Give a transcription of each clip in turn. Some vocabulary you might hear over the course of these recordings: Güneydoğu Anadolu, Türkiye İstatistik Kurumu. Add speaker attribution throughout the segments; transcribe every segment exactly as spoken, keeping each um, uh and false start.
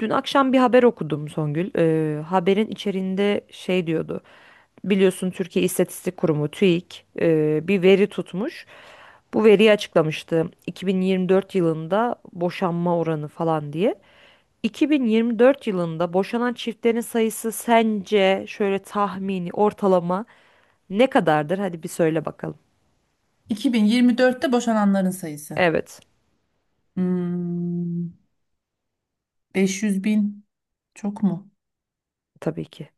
Speaker 1: Dün akşam bir haber okudum Songül. Ee, haberin içeriğinde şey diyordu. Biliyorsun Türkiye İstatistik Kurumu TÜİK e, bir veri tutmuş. Bu veriyi açıklamıştı. iki bin yirmi dört yılında boşanma oranı falan diye. iki bin yirmi dört yılında boşanan çiftlerin sayısı sence şöyle tahmini ortalama ne kadardır? Hadi bir söyle bakalım.
Speaker 2: iki bin yirmi dörtte boşananların sayısı.
Speaker 1: Evet,
Speaker 2: Hmm, beş yüz bin çok mu?
Speaker 1: tabii ki.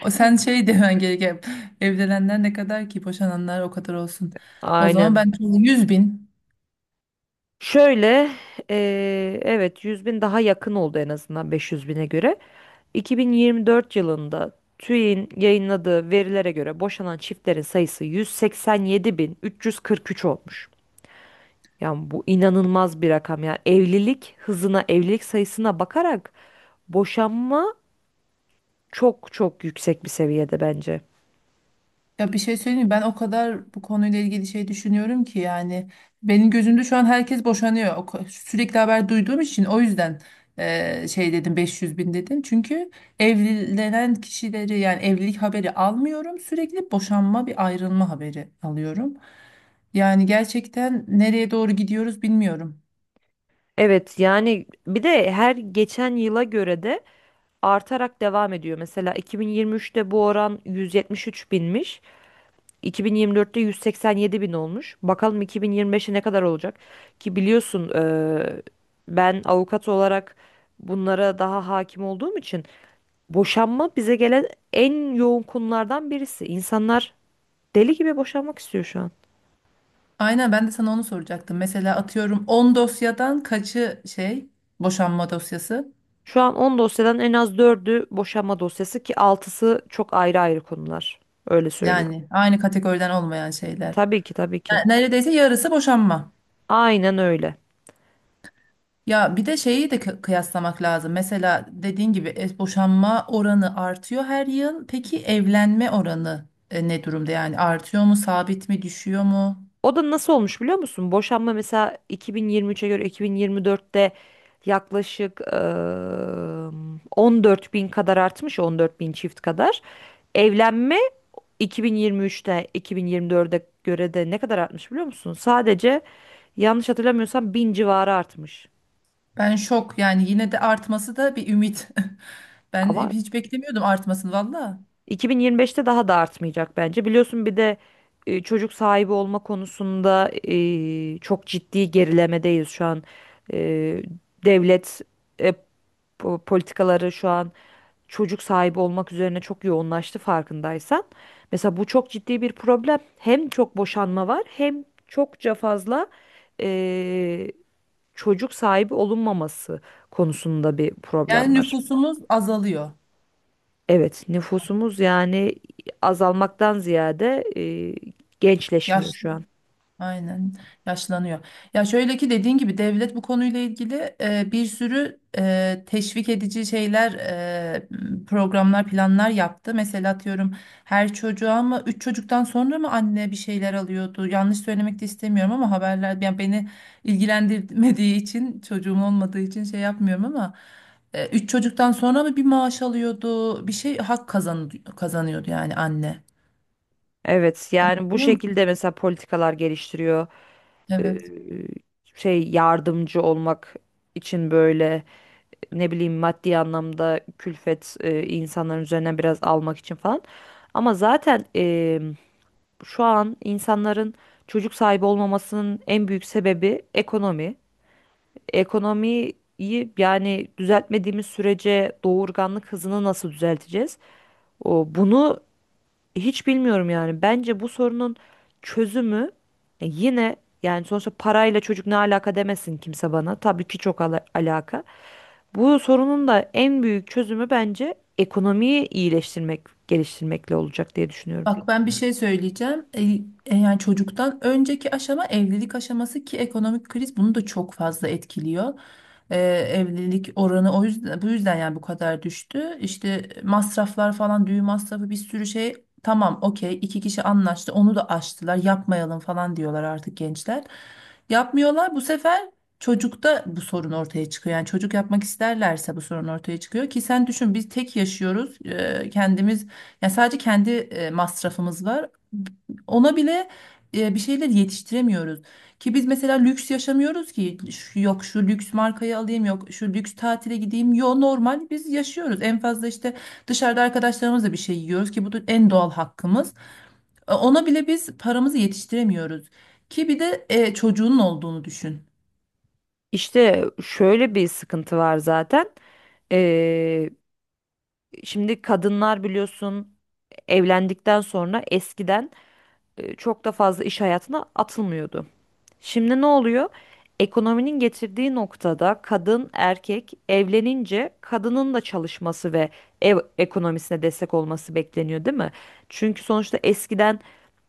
Speaker 2: O sen şey demen gereken evlenenler ne kadar ki boşananlar o kadar olsun. O zaman
Speaker 1: Aynen.
Speaker 2: ben yüz bin.
Speaker 1: Şöyle, e, evet yüz bin daha yakın oldu en azından beş yüz bine göre. iki bin yirmi dört yılında TÜİK'in yayınladığı verilere göre boşanan çiftlerin sayısı yüz seksen yedi bin üç yüz kırk üç olmuş. Yani bu inanılmaz bir rakam. Yani evlilik hızına, evlilik sayısına bakarak boşanma çok çok yüksek bir seviyede bence.
Speaker 2: Ya bir şey söyleyeyim mi? Ben o kadar bu konuyla ilgili şey düşünüyorum ki yani benim gözümde şu an herkes boşanıyor. O ko- Sürekli haber duyduğum için o yüzden eee, şey dedim beş yüz bin dedim. Çünkü evlenen kişileri yani evlilik haberi almıyorum. Sürekli boşanma bir ayrılma haberi alıyorum. Yani gerçekten nereye doğru gidiyoruz bilmiyorum.
Speaker 1: Evet yani bir de her geçen yıla göre de artarak devam ediyor. Mesela iki bin yirmi üçte bu oran yüz yetmiş üç binmiş. iki bin yirmi dörtte yüz seksen yedi bin olmuş. Bakalım iki bin yirmi beşe ne kadar olacak? Ki biliyorsun eee, ben avukat olarak bunlara daha hakim olduğum için boşanma bize gelen en yoğun konulardan birisi. İnsanlar deli gibi boşanmak istiyor şu an.
Speaker 2: Aynen, ben de sana onu soracaktım. Mesela atıyorum on dosyadan kaçı şey boşanma dosyası?
Speaker 1: Şu an on dosyadan en az dördü boşanma dosyası ki altısı çok ayrı ayrı konular. Öyle söyleyeyim.
Speaker 2: Yani aynı kategoriden olmayan şeyler.
Speaker 1: Tabii ki tabii ki.
Speaker 2: Yani Neredeyse yarısı boşanma.
Speaker 1: Aynen öyle.
Speaker 2: Ya bir de şeyi de kı- kıyaslamak lazım. Mesela dediğin gibi e, boşanma oranı artıyor her yıl. Peki evlenme oranı e, ne durumda? Yani artıyor mu, sabit mi, düşüyor mu?
Speaker 1: O da nasıl olmuş biliyor musun? Boşanma mesela iki bin yirmi üçe göre iki bin yirmi dörtte yaklaşık eee on dört bin kadar artmış, on dört bin çift kadar. Evlenme iki bin yirmi üçte iki bin yirmi dörde göre de ne kadar artmış biliyor musun? Sadece yanlış hatırlamıyorsam bin civarı artmış.
Speaker 2: Ben şok. Yani yine de artması da bir ümit. Ben
Speaker 1: Ama
Speaker 2: hiç beklemiyordum artmasını valla.
Speaker 1: iki bin yirmi beşte daha da artmayacak bence. Biliyorsun bir de e, çocuk sahibi olma konusunda e, çok ciddi gerilemedeyiz şu an. E, Devlet e, bu politikaları şu an çocuk sahibi olmak üzerine çok yoğunlaştı farkındaysan. Mesela bu çok ciddi bir problem. Hem çok boşanma var hem çokça fazla eee, çocuk sahibi olunmaması konusunda bir problem
Speaker 2: Yani
Speaker 1: var.
Speaker 2: nüfusumuz azalıyor.
Speaker 1: Evet, nüfusumuz yani azalmaktan ziyade eee, gençleşmiyor şu an.
Speaker 2: Aynen, yaşlanıyor. Ya şöyle ki, dediğin gibi devlet bu konuyla ilgili e, bir sürü e, teşvik edici şeyler, e, programlar, planlar yaptı. Mesela atıyorum, her çocuğa mı, üç çocuktan sonra mı anne bir şeyler alıyordu? Yanlış söylemek de istemiyorum ama haberler yani beni ilgilendirmediği için, çocuğum olmadığı için şey yapmıyorum ama e, üç çocuktan sonra mı bir maaş alıyordu? Bir şey hak kazan kazanıyordu yani anne.
Speaker 1: Evet,
Speaker 2: Onu
Speaker 1: yani bu
Speaker 2: Biliyor musun?
Speaker 1: şekilde mesela politikalar geliştiriyor. Eee,
Speaker 2: Evet.
Speaker 1: Şey yardımcı olmak için böyle. Ne bileyim maddi anlamda külfet e, insanların üzerine biraz almak için falan. Ama zaten e, şu an insanların çocuk sahibi olmamasının en büyük sebebi ekonomi. Ekonomiyi yani düzeltmediğimiz sürece doğurganlık hızını nasıl düzelteceğiz? O, bunu hiç bilmiyorum yani. Bence bu sorunun çözümü e, yine yani sonuçta parayla çocuk ne alaka demesin kimse bana. Tabii ki çok ala- alaka. Bu sorunun da en büyük çözümü bence ekonomiyi iyileştirmek, geliştirmekle olacak diye düşünüyorum.
Speaker 2: Bak, ben bir şey söyleyeceğim. E, e, yani çocuktan önceki aşama evlilik aşaması ki ekonomik kriz bunu da çok fazla etkiliyor. E, evlilik oranı o yüzden, bu yüzden yani bu kadar düştü. İşte masraflar falan, düğün masrafı, bir sürü şey. Tamam okey, iki kişi anlaştı, onu da aştılar, yapmayalım falan diyorlar artık gençler. Yapmıyorlar, bu sefer çocukta bu sorun ortaya çıkıyor. Yani çocuk yapmak isterlerse bu sorun ortaya çıkıyor ki sen düşün, biz tek yaşıyoruz. E, kendimiz yani, sadece kendi e, masrafımız var. Ona bile e, bir şeyler yetiştiremiyoruz. Ki biz mesela lüks yaşamıyoruz ki, Şu- yok şu lüks markayı alayım, yok şu lüks tatile gideyim. Yo, normal biz yaşıyoruz. En fazla işte dışarıda arkadaşlarımızla bir şey yiyoruz ki bu da en doğal hakkımız. E, Ona bile biz paramızı yetiştiremiyoruz. Ki bir de e, çocuğunun olduğunu düşün.
Speaker 1: İşte şöyle bir sıkıntı var zaten. Ee, Şimdi kadınlar biliyorsun evlendikten sonra eskiden e, çok da fazla iş hayatına atılmıyordu. Şimdi ne oluyor? Ekonominin getirdiği noktada kadın, erkek evlenince kadının da çalışması ve ev ekonomisine destek olması bekleniyor, değil mi? Çünkü sonuçta eskiden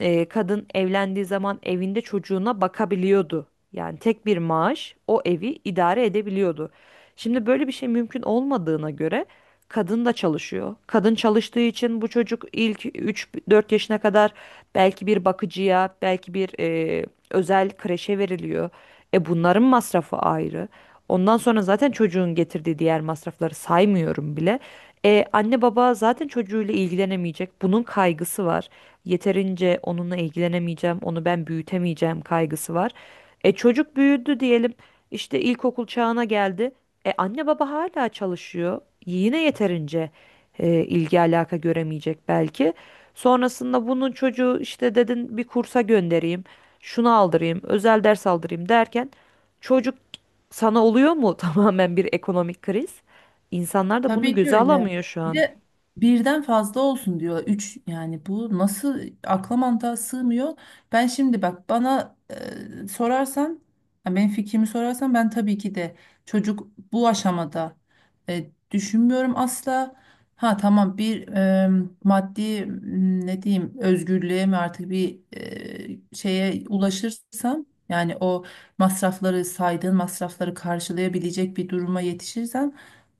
Speaker 1: e, kadın evlendiği zaman evinde çocuğuna bakabiliyordu. Yani tek bir maaş o evi idare edebiliyordu. Şimdi böyle bir şey mümkün olmadığına göre kadın da çalışıyor. Kadın çalıştığı için bu çocuk ilk üç dört yaşına kadar belki bir bakıcıya, belki bir e, özel kreşe veriliyor. E bunların masrafı ayrı. Ondan sonra zaten çocuğun getirdiği diğer masrafları saymıyorum bile. E, anne baba zaten çocuğuyla ilgilenemeyecek. Bunun kaygısı var. Yeterince onunla ilgilenemeyeceğim, onu ben büyütemeyeceğim kaygısı var. E çocuk büyüdü diyelim. İşte ilkokul çağına geldi. E anne baba hala çalışıyor. Yine yeterince e, ilgi alaka göremeyecek belki. Sonrasında bunun çocuğu işte dedin bir kursa göndereyim şunu aldırayım, özel ders aldırayım derken çocuk sana oluyor mu tamamen bir ekonomik kriz? İnsanlar da bunu
Speaker 2: Tabii ki
Speaker 1: göze
Speaker 2: öyle.
Speaker 1: alamıyor şu
Speaker 2: Bir
Speaker 1: an.
Speaker 2: de birden fazla olsun diyor. Üç, yani bu nasıl, akla mantığa sığmıyor. Ben şimdi bak, bana e, sorarsan, yani benim fikrimi sorarsan ben tabii ki de çocuk bu aşamada e, düşünmüyorum asla. Ha tamam, bir e, maddi m, ne diyeyim, özgürlüğe mi artık, bir e, şeye ulaşırsam, yani o masrafları, saydığın masrafları karşılayabilecek bir duruma yetişirsem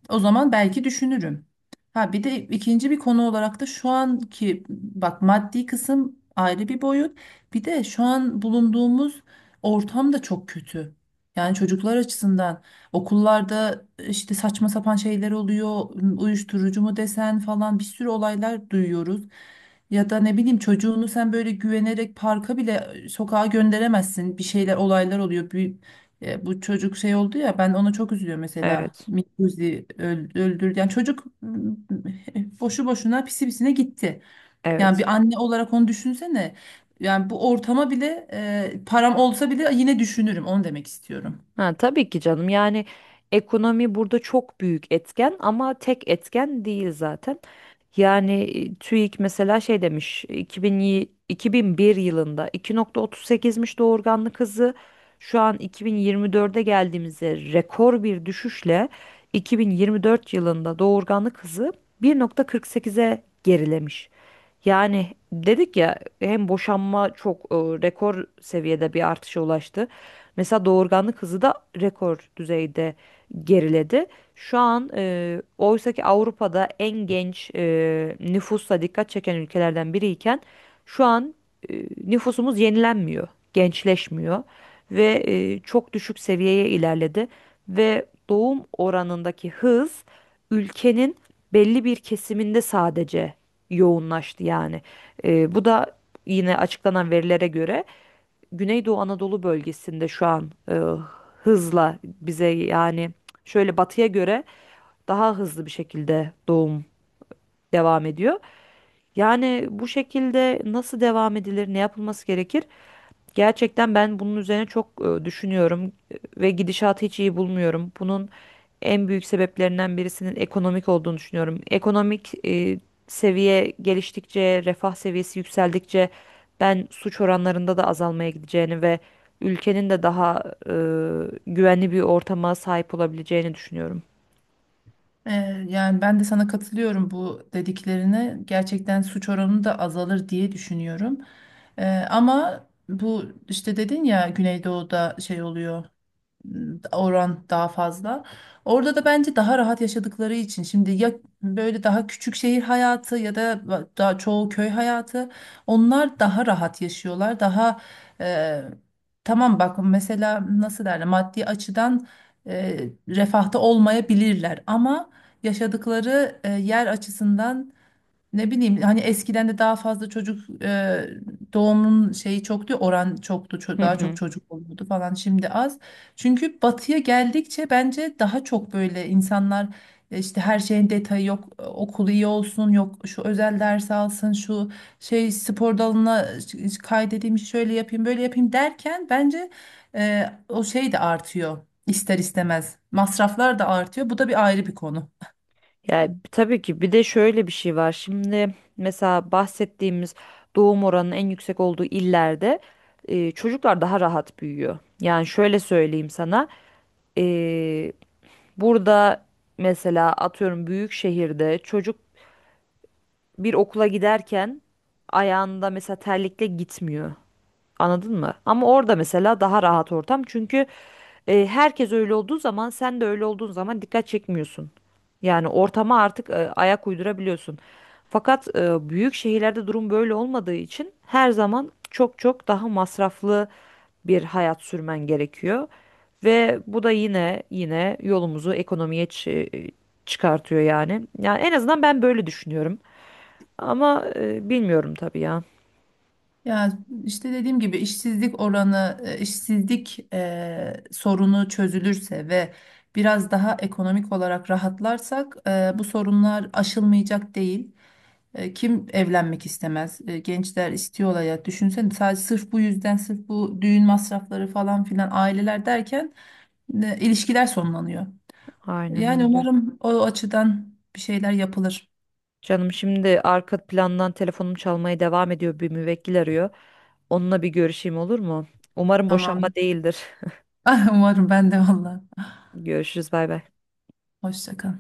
Speaker 2: o zaman belki düşünürüm. Ha bir de ikinci bir konu olarak da şu anki, bak, maddi kısım ayrı bir boyut. Bir de şu an bulunduğumuz ortam da çok kötü. Yani çocuklar açısından okullarda işte saçma sapan şeyler oluyor. Uyuşturucu mu desen falan, bir sürü olaylar duyuyoruz. Ya da ne bileyim, çocuğunu sen böyle güvenerek parka bile, sokağa gönderemezsin. Bir şeyler, olaylar oluyor. E, bu çocuk şey oldu ya, ben ona çok üzülüyorum mesela.
Speaker 1: Evet,
Speaker 2: Mikuzi öl- öldürdü. Yani çocuk m, boşu boşuna, pisi pisine gitti. Yani
Speaker 1: evet.
Speaker 2: bir anne olarak onu düşünsene. Yani bu ortama bile e, param olsa bile yine düşünürüm. Onu demek istiyorum.
Speaker 1: Ha, tabii ki canım. Yani ekonomi burada çok büyük etken ama tek etken değil zaten. Yani e, TÜİK mesela şey demiş iki bin, yi- iki bin bir yılında iki nokta otuz sekizmiş doğurganlık hızı. Şu an iki bin yirmi dörde geldiğimizde rekor bir düşüşle iki bin yirmi dört yılında doğurganlık hızı bir nokta kırk sekize gerilemiş. Yani dedik ya hem boşanma çok e, rekor seviyede bir artışa ulaştı. Mesela doğurganlık hızı da rekor düzeyde geriledi. Şu an e, oysa ki Avrupa'da en genç e, nüfusla dikkat çeken ülkelerden biriyken şu an e, nüfusumuz yenilenmiyor, gençleşmiyor ve e, çok düşük seviyeye ilerledi ve doğum oranındaki hız ülkenin belli bir kesiminde sadece yoğunlaştı yani. E, bu da yine açıklanan verilere göre Güneydoğu Anadolu bölgesinde şu an e, hızla bize yani şöyle batıya göre daha hızlı bir şekilde doğum devam ediyor. Yani bu şekilde nasıl devam edilir, ne yapılması gerekir? Gerçekten ben bunun üzerine çok e, düşünüyorum e, ve gidişatı hiç iyi bulmuyorum. Bunun en büyük sebeplerinden birisinin ekonomik olduğunu düşünüyorum. Ekonomik e, seviye geliştikçe, refah seviyesi yükseldikçe ben suç oranlarında da azalmaya gideceğini ve ülkenin de daha e, güvenli bir ortama sahip olabileceğini düşünüyorum.
Speaker 2: E, yani ben de sana katılıyorum bu dediklerine. Gerçekten suç oranı da azalır diye düşünüyorum. E, ama bu, işte dedin ya, Güneydoğu'da şey oluyor, oran daha fazla. Orada da bence daha rahat yaşadıkları için, şimdi ya böyle daha küçük şehir hayatı ya da daha çoğu köy hayatı, onlar daha rahat yaşıyorlar. Daha e, tamam, bak, mesela nasıl derler, maddi açıdan e, refahta olmayabilirler ama yaşadıkları e, yer açısından, ne bileyim, hani eskiden de daha fazla çocuk e, doğumun şeyi çoktu, oran çoktu, ço-
Speaker 1: Hı
Speaker 2: daha çok
Speaker 1: hı.
Speaker 2: çocuk oluyordu falan, şimdi az. Çünkü batıya geldikçe bence daha çok böyle insanlar e, işte her şeyin detayı, yok e, okul iyi olsun, yok şu özel ders alsın, şu şey spor dalına e, kaydedeyim, şöyle yapayım, böyle yapayım derken bence e, o şey de artıyor, ister istemez masraflar da artıyor, bu da bir ayrı bir konu.
Speaker 1: Yani tabii ki bir de şöyle bir şey var. Şimdi mesela bahsettiğimiz doğum oranının en yüksek olduğu illerde e, çocuklar daha rahat büyüyor. Yani şöyle söyleyeyim sana. E, Burada mesela atıyorum büyük şehirde çocuk bir okula giderken ayağında mesela terlikle gitmiyor. Anladın mı? Ama orada mesela daha rahat ortam. Çünkü e, herkes öyle olduğu zaman sen de öyle olduğun zaman dikkat çekmiyorsun. Yani ortama artık e, ayak uydurabiliyorsun. Fakat e, büyük şehirlerde durum böyle olmadığı için her zaman çok çok daha masraflı bir hayat sürmen gerekiyor. Ve bu da yine yine yolumuzu ekonomiye çı- çıkartıyor yani. Yani en azından ben böyle düşünüyorum. Ama e, bilmiyorum tabii ya.
Speaker 2: Ya işte dediğim gibi, işsizlik oranı, e, işsizlik e, sorunu çözülürse ve biraz daha ekonomik olarak rahatlarsak e, bu sorunlar aşılmayacak değil. E, kim evlenmek istemez? E, gençler istiyor hayat. Düşünsene, sadece sırf bu yüzden, sırf bu düğün masrafları falan filan, aileler derken e, ilişkiler sonlanıyor.
Speaker 1: Aynen
Speaker 2: Yani
Speaker 1: öyle.
Speaker 2: umarım o açıdan bir şeyler yapılır.
Speaker 1: Canım şimdi arka plandan telefonum çalmaya devam ediyor. Bir müvekkil arıyor. Onunla bir görüşeyim olur mu? Umarım boşanma
Speaker 2: Tamamdır.
Speaker 1: değildir.
Speaker 2: Umarım ben de valla.
Speaker 1: Görüşürüz bay bay.
Speaker 2: Hoşça kal.